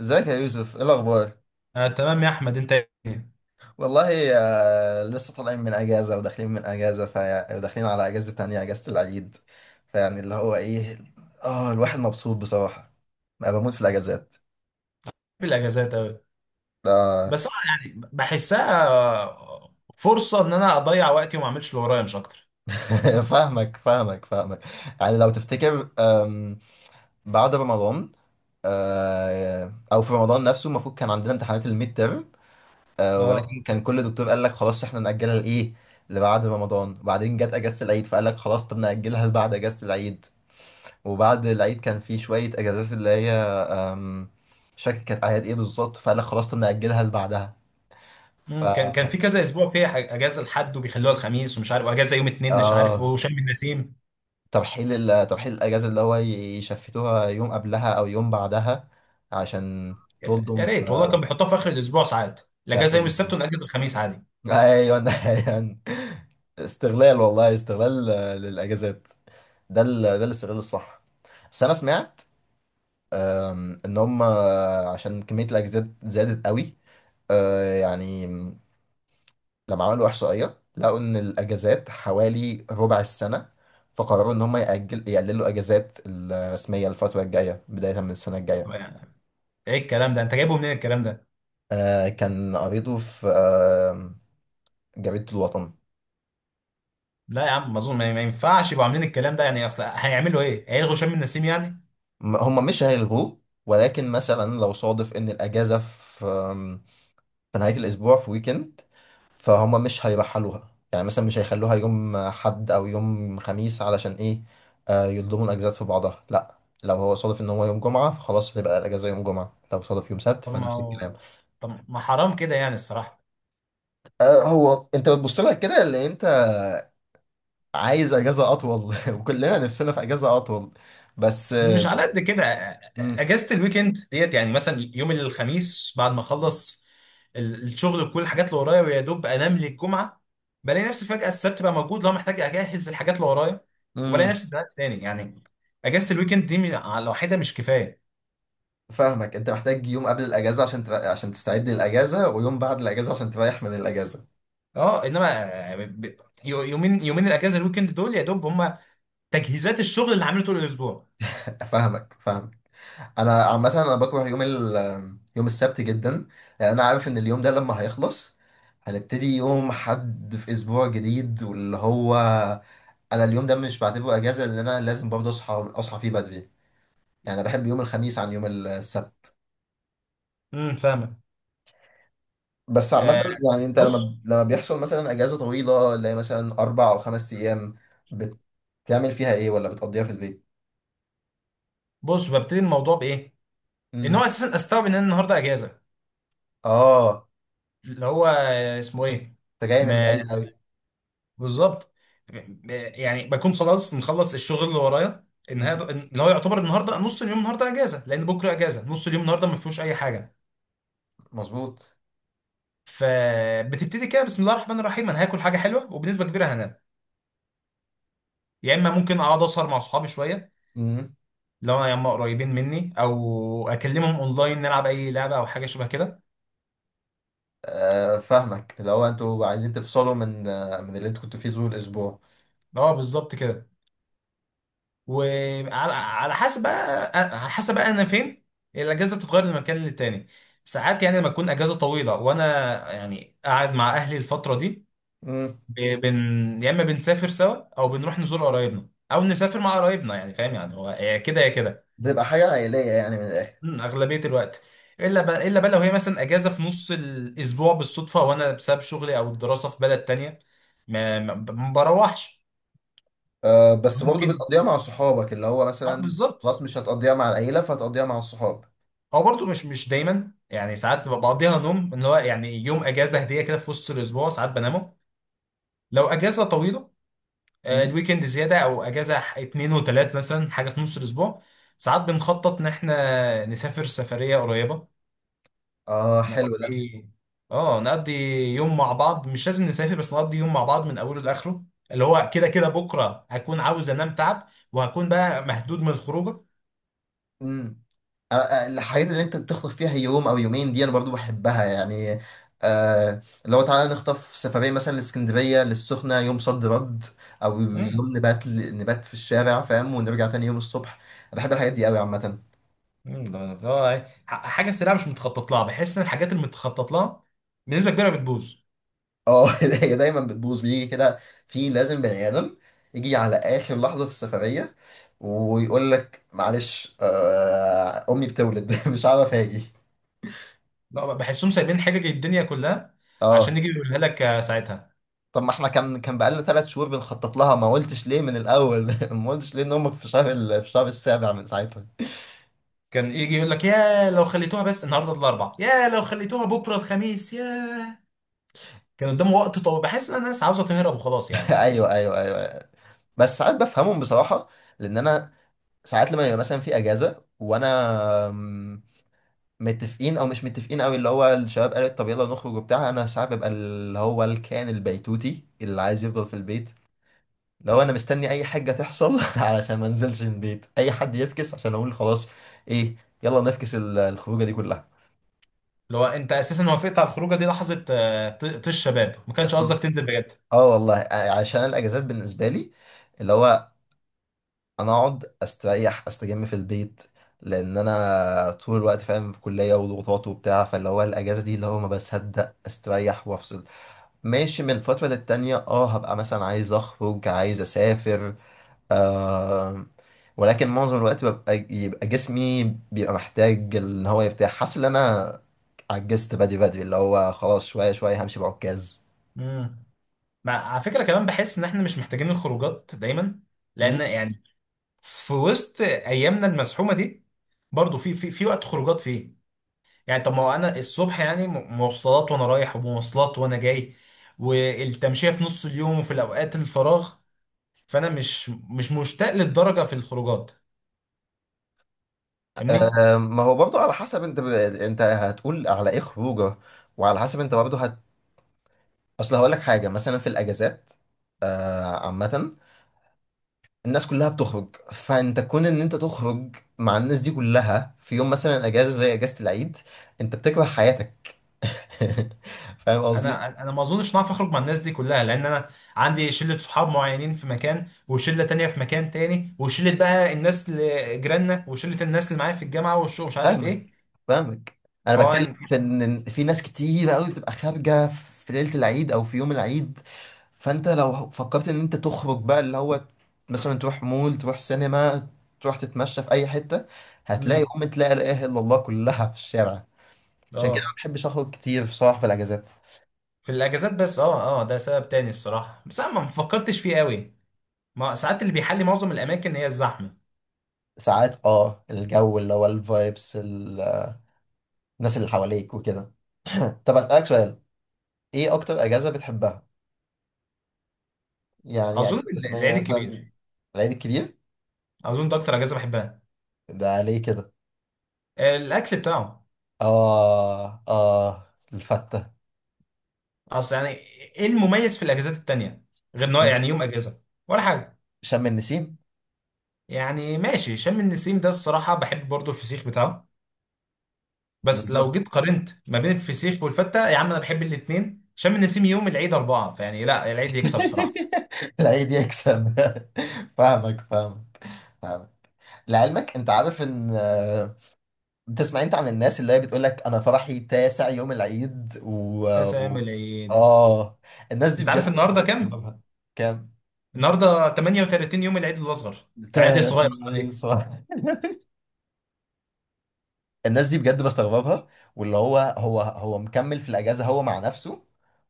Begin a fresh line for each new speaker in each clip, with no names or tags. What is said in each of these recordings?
ازيك يا يوسف؟ ايه الاخبار؟
آه تمام يا احمد انت إيه؟
والله لسه طالعين من اجازه وداخلين من اجازه وداخلين على اجازه تانية، اجازه العيد. فيعني اللي هو ايه، اه الواحد مبسوط بصراحه. انا بموت في الاجازات.
في الاجازات اوي.
آه.
بس أنا يعني بحسها فرصه ان انا اضيع وقتي وما اعملش اللي ورايا مش اكتر.
فاهمك. يعني لو تفتكر، بعد رمضان، او في رمضان نفسه المفروض كان عندنا امتحانات الميد تيرم. ولكن
اه.
كان كل دكتور قال لك خلاص احنا ناجلها لايه، لبعد رمضان. وبعدين جت اجازه العيد فقال لك خلاص، طب ناجلها لبعد اجازه العيد. وبعد العيد كان في شوية اجازات اللي هي، أم، مش فاكر كانت اعياد ايه بالظبط، فقال لك خلاص طب نأجلها لبعدها. ف
كان في كذا اسبوع فيها اجازه لحد وبيخلوها الخميس ومش عارف واجازه يوم اتنين مش عارف
اه
وشم النسيم.
ترحيل ترحيل الاجازة اللي هو يشفتوها يوم قبلها او يوم بعدها، عشان
يا
تلضم
ريت والله،
في...
كان بيحطوها في اخر الاسبوع ساعات.
في اخر
الاجازه يوم السبت
الاسبوع.
والاجازه الخميس عادي.
ايوه. ايوه، استغلال والله، استغلال للاجازات. ده الاستغلال الصح. بس انا سمعت، ان هم عشان كمية الاجازات زادت قوي، يعني لما عملوا إحصائية لقوا إن الأجازات حوالي ربع السنة، فقرروا إن هم يأجل يقللوا أجازات الرسمية الفترة الجاية بداية من السنة الجاية.
يعني ايه الكلام ده؟ انت جايبه منين الكلام ده؟
آه، كان قريته في آه جريدة الوطن.
لا يا عم ما اظن، ما ينفعش يبقوا عاملين الكلام ده. يعني اصل هيعملوا ايه، هيلغوا شم النسيم يعني؟
هم مش هيلغوه، ولكن مثلا لو صادف إن الأجازة في في نهاية الأسبوع، في ويكند، فهم مش هيرحلوها. يعني مثلا مش هيخلوها يوم حد أو يوم خميس علشان إيه، يلضموا الأجازات في بعضها. لأ، لو هو صادف إن هو يوم جمعة فخلاص هتبقى الأجازة يوم جمعة، لو صادف يوم سبت
طب ما
فنفس
هو-
الكلام.
طب ما حرام كده يعني الصراحه.
آه، هو أنت بتبص لها كده، اللي أنت عايز أجازة أطول. وكلنا نفسنا في أجازة أطول، بس
مش على قد كده.
امم
اجازه الويكند ديت يعني مثلا يوم الخميس بعد ما اخلص الشغل وكل الحاجات اللي ورايا ويا دوب انام للجمعه. بلاقي نفسي فجاه السبت بقى موجود، لو محتاج اجهز الحاجات اللي ورايا وبلاقي
امم.
نفسي اتزنقت تاني يعني. اجازه الويكند دي م- لوحدها مش كفايه.
فاهمك، أنت محتاج يوم قبل الأجازة عشان عشان تستعد للأجازة، ويوم بعد الأجازة عشان تريح من الأجازة.
اه. يومين، الاجازه الويكند دول يا دوب هم تجهيزات الشغل اللي عامله طول الاسبوع.
فاهمك. انا عامه انا بكره يوم السبت جدا، لان انا عارف ان اليوم ده لما هيخلص هنبتدي يوم حد في اسبوع جديد، واللي هو انا اليوم ده مش بعتبره اجازه، لان انا لازم برضه اصحى فيه بدري. يعني انا بحب يوم الخميس عن يوم السبت.
امم، فاهمه.
بس عامه،
آه.
يعني انت لما
بص
لما بيحصل مثلا اجازه طويله اللي هي مثلا اربع او خمس ايام، بتعمل فيها ايه؟ ولا بتقضيها في البيت؟
بص ببتدي الموضوع بايه؟ ان
امم.
هو اساسا استوعب ان انا النهارده اجازه.
اه،
اللي هو اسمه ايه.
انت جاي
ما
من بعيد قوي.
بالظبط. يعني بكون خلاص مخلص الشغل اللي ورايا النهارده، اللي هو يعتبر النهارده نص اليوم، النهارده اجازه لان بكره اجازه، نص اليوم النهارده ما فيهوش اي حاجه.
مظبوط.
فبتبتدي كده بسم الله الرحمن الرحيم، انا هاكل حاجه حلوه وبنسبه كبيره هنام. يا اما ممكن اقعد اسهر مع اصحابي شويه، لو انا يا اما قريبين مني او اكلمهم اونلاين نلعب اي لعبه او حاجه شبه كده.
فاهمك. لو انتوا عايزين تفصلوا من من اللي انتوا كنتوا فيه طول الاسبوع.
اه بالظبط كده. وعلى على حسب بقى انا فين، الاجازه بتتغير من مكان للتاني. ساعات يعني لما تكون اجازه طويله وانا يعني قاعد مع اهلي الفتره دي،
امم.
ب- بن يا اما بنسافر سوا او بنروح نزور قرايبنا او نسافر مع قرايبنا. يعني فاهم يعني هو يا كده يا كده.
بتبقى حاجة عائلية يعني من الآخر.
مم، اغلبيه الوقت. الا بقى، الا بقى لو هي مثلا اجازه في نص الاسبوع بالصدفه وانا بسبب شغلي او الدراسه في بلد تانية، ما بروحش.
بس برضو
ممكن،
بتقضيها مع صحابك، اللي هو
اه
مثلا
بالظبط.
خلاص مش هتقضيها مع العيلة، فهتقضيها مع الصحاب.
هو برضه مش دايما يعني، ساعات ببقى بقضيها نوم، ان هو يعني يوم اجازه هديه كده في وسط الاسبوع ساعات بنامه. لو اجازه طويله،
مم.
الويكند زياده او اجازه اتنين وتلات مثلا، حاجه في نص الاسبوع ساعات بنخطط ان احنا نسافر سفريه قريبه.
اه، حلو ده.
نقضي، اه نقضي يوم مع بعض، مش لازم نسافر بس نقضي يوم مع بعض من اوله لاخره، اللي هو كده كده بكره هكون عاوز انام تعب وهكون بقى مهدود من الخروجه.
امم. الحاجات اللي انت بتخطف فيها يوم او يومين دي انا برضو بحبها، يعني آه لو تعالى نخطف سفرية مثلا لاسكندرية للسخنة يوم صد رد، او يوم نبات في الشارع، فاهم، ونرجع تاني يوم الصبح. أنا بحب الحاجات دي قوي عامة.
حاجه سريعه مش متخطط لها. بحس ان الحاجات اللي متخطط لها بنسبه كبيره بتبوظ.
اه. هي دايما بتبوظ، بيجي كده في لازم بني ادم يجي على اخر لحظه في السفريه ويقول لك معلش، آه امي بتولد. مش عارف اجي.
لا بحسهم سايبين حاجه الدنيا كلها عشان
اه،
يجي يقولها لك ساعتها.
طب ما احنا كان بقالنا ثلاث شهور بنخطط لها، ما قلتش ليه من الاول؟ ما قلتش ليه ان امك في في شهر السابع من ساعتها؟
كان يجي يقول لك يا لو خليتوها بس النهارده الاربع، يا لو خليتوها بكره الخميس، يا كان قدامه وقت طويل. بحس ان الناس عاوزه تهرب وخلاص يعني.
ايوه، أيوة. بس ساعات بفهمهم بصراحه، لان انا ساعات لما يبقى مثلا في اجازه وانا، آمم، متفقين او مش متفقين قوي، اللي هو الشباب قالت طب يلا نخرج وبتاع، انا ساعات ببقى اللي هو الكائن البيتوتي اللي عايز يفضل في البيت. لو انا مستني اي حاجه تحصل علشان ما انزلش من البيت، اي حد يفكس عشان اقول خلاص، ايه، يلا نفكس الخروجه دي كلها.
لو انت اساسا وافقت على الخروجه دي لحظه طيش شباب، ما كانش قصدك تنزل بجد.
اه والله، عشان الاجازات بالنسبه لي اللي هو انا اقعد استريح استجم في البيت، لان انا طول الوقت فاهم في كليه وضغوطات وبتاع، فاللي هو الاجازه دي اللي هو ما بصدق استريح وافصل. ماشي، من فترة للتانية اه هبقى مثلا عايز اخرج عايز اسافر، آه، ولكن معظم الوقت يبقى جسمي بيبقى محتاج ان هو يرتاح، حاسس ان انا عجزت بدري بدري، اللي هو خلاص شوية شوية همشي بعكاز.
امم. مع على فكره كمان بحس ان احنا مش محتاجين الخروجات دايما، لان
مم.
يعني في وسط ايامنا المزحومه دي برضه في في وقت خروجات فيه. يعني طب ما هو انا الصبح يعني مواصلات وانا رايح ومواصلات وانا جاي، والتمشية في نص اليوم وفي الاوقات الفراغ. فانا مش مشتاق للدرجة في الخروجات، فاهمني؟
آه، ما هو برضه على حسب انت انت هتقول على ايه خروجه، وعلى حسب انت برضه اصل هقول لك حاجة. مثلا في الاجازات، عامة الناس كلها بتخرج، فانت كون ان انت تخرج مع الناس دي كلها في يوم مثلا اجازه زي اجازه العيد، انت بتكره حياتك. فاهم قصدي؟
انا ما اظنش ان اعرف اخرج مع الناس دي كلها، لان انا عندي شلة صحاب معينين في مكان وشلة تانية في مكان تاني وشلة بقى الناس اللي جيراننا وشلة الناس اللي معايا في الجامعة والشغل مش عارف
فاهمك
ايه.
فاهمك. انا بتكلم
فهو
في ان في ناس كتير قوي بتبقى خارجه في ليله العيد او في يوم العيد. فانت لو فكرت ان انت تخرج بقى، اللي هو مثلا تروح مول، تروح سينما، تروح تتمشى في اي حته، هتلاقي
امم
ام تلاقي لا اله الا الله كلها في الشارع. عشان كده
اه.
ما بحبش اخرج كتير بصراحه في الاجازات.
في الاجازات بس، اه اه ده سبب تاني الصراحة بس انا ما فكرتش فيه قوي. ما ساعات اللي بيحلي معظم الاماكن هي الزحمه.
ساعات اه الجو، اللي هو الفايبس، الناس اللي حواليك وكده. طب اسألك سؤال، ايه اكتر اجازة بتحبها؟ يعني اجازة
اظن
رسمية
العيد
مثلا.
الكبير.
العيد الكبير.
اظن ده اكتر اجازه بحبها.
ده ليه كده؟
الاكل بتاعه.
اه اه، الفتة.
اصل يعني ايه المميز في الاجازات التانية غير انه يعني يوم اجازه ولا حاجه؟
شم النسيم؟
يعني ماشي، شم النسيم ده الصراحه بحب برضو الفسيخ بتاعه، بس لو
بالظبط.
جيت قارنت ما بين الفسيخ والفته يا عم انا بحب الاثنين. شم النسيم يوم، العيد اربعه فيعني، لا العيد يكسب الصراحه.
العيد يكسب. فاهمك فاهمك فاهمك. لعلمك انت عارف ان، بتسمع انت عن الناس اللي هي بتقول لك انا فرحي تاسع يوم العيد و
تسام
و-
العيد.
اه، الناس دي
انت عارف
بجد أنا
النهارده كام؟
بستغربها. كام؟
النهارده 38 يوم العيد الاصغر، العيد
تا-
الصغير. أمال.
الصراحة الناس دي بجد بستغربها، واللي هو هو مكمل في الأجازة، هو مع نفسه،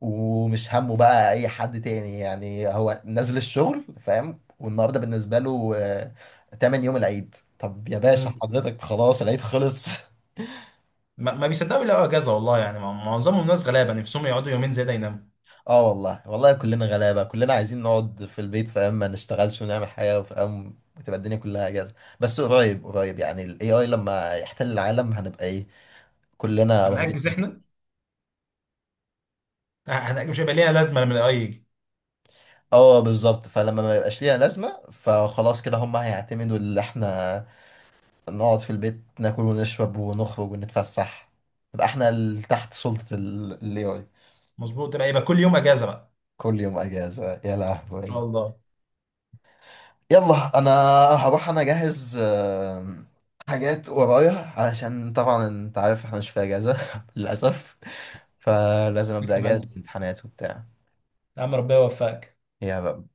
ومش همه بقى أي حد تاني. يعني هو نازل الشغل فاهم، والنهاردة بالنسبة له تمن يوم العيد. طب يا باشا
إيه؟
حضرتك خلاص العيد خلص.
ما بيصدقوا يلاقوا اجازه والله، يعني معظمهم ناس غلابه نفسهم يقعدوا يومين زياده يناموا.
اه والله والله، كلنا غلابة، كلنا عايزين نقعد في البيت فاهم، ما نشتغلش ونعمل حاجة فاهم، بتبقى الدنيا كلها أجازة. بس قريب يعني ال AI لما يحتل العالم هنبقى إيه، كلنا واخدين.
هنأجز احنا، هنأجز، مش هيبقى ليها لازمه لما الاي يجي.
اه بالظبط، فلما ما يبقاش ليها لازمة فخلاص كده هم هيعتمدوا، اللي احنا نقعد في البيت ناكل ونشرب ونخرج ونتفسح، نبقى احنا تحت سلطة الاي اي.
مظبوط، يبقى كل يوم اجازه بقى.
كل يوم اجازة يا
ان شاء
لهوي.
الله.
يلا انا هروح انا اجهز، حاجات ورايا، علشان طبعا انت عارف احنا مش في اجازة للأسف، فلازم ابدأ
اكتب
اجهز
عنه.
الامتحانات وبتاع.
يا عم ربنا يوفقك.
يا رب.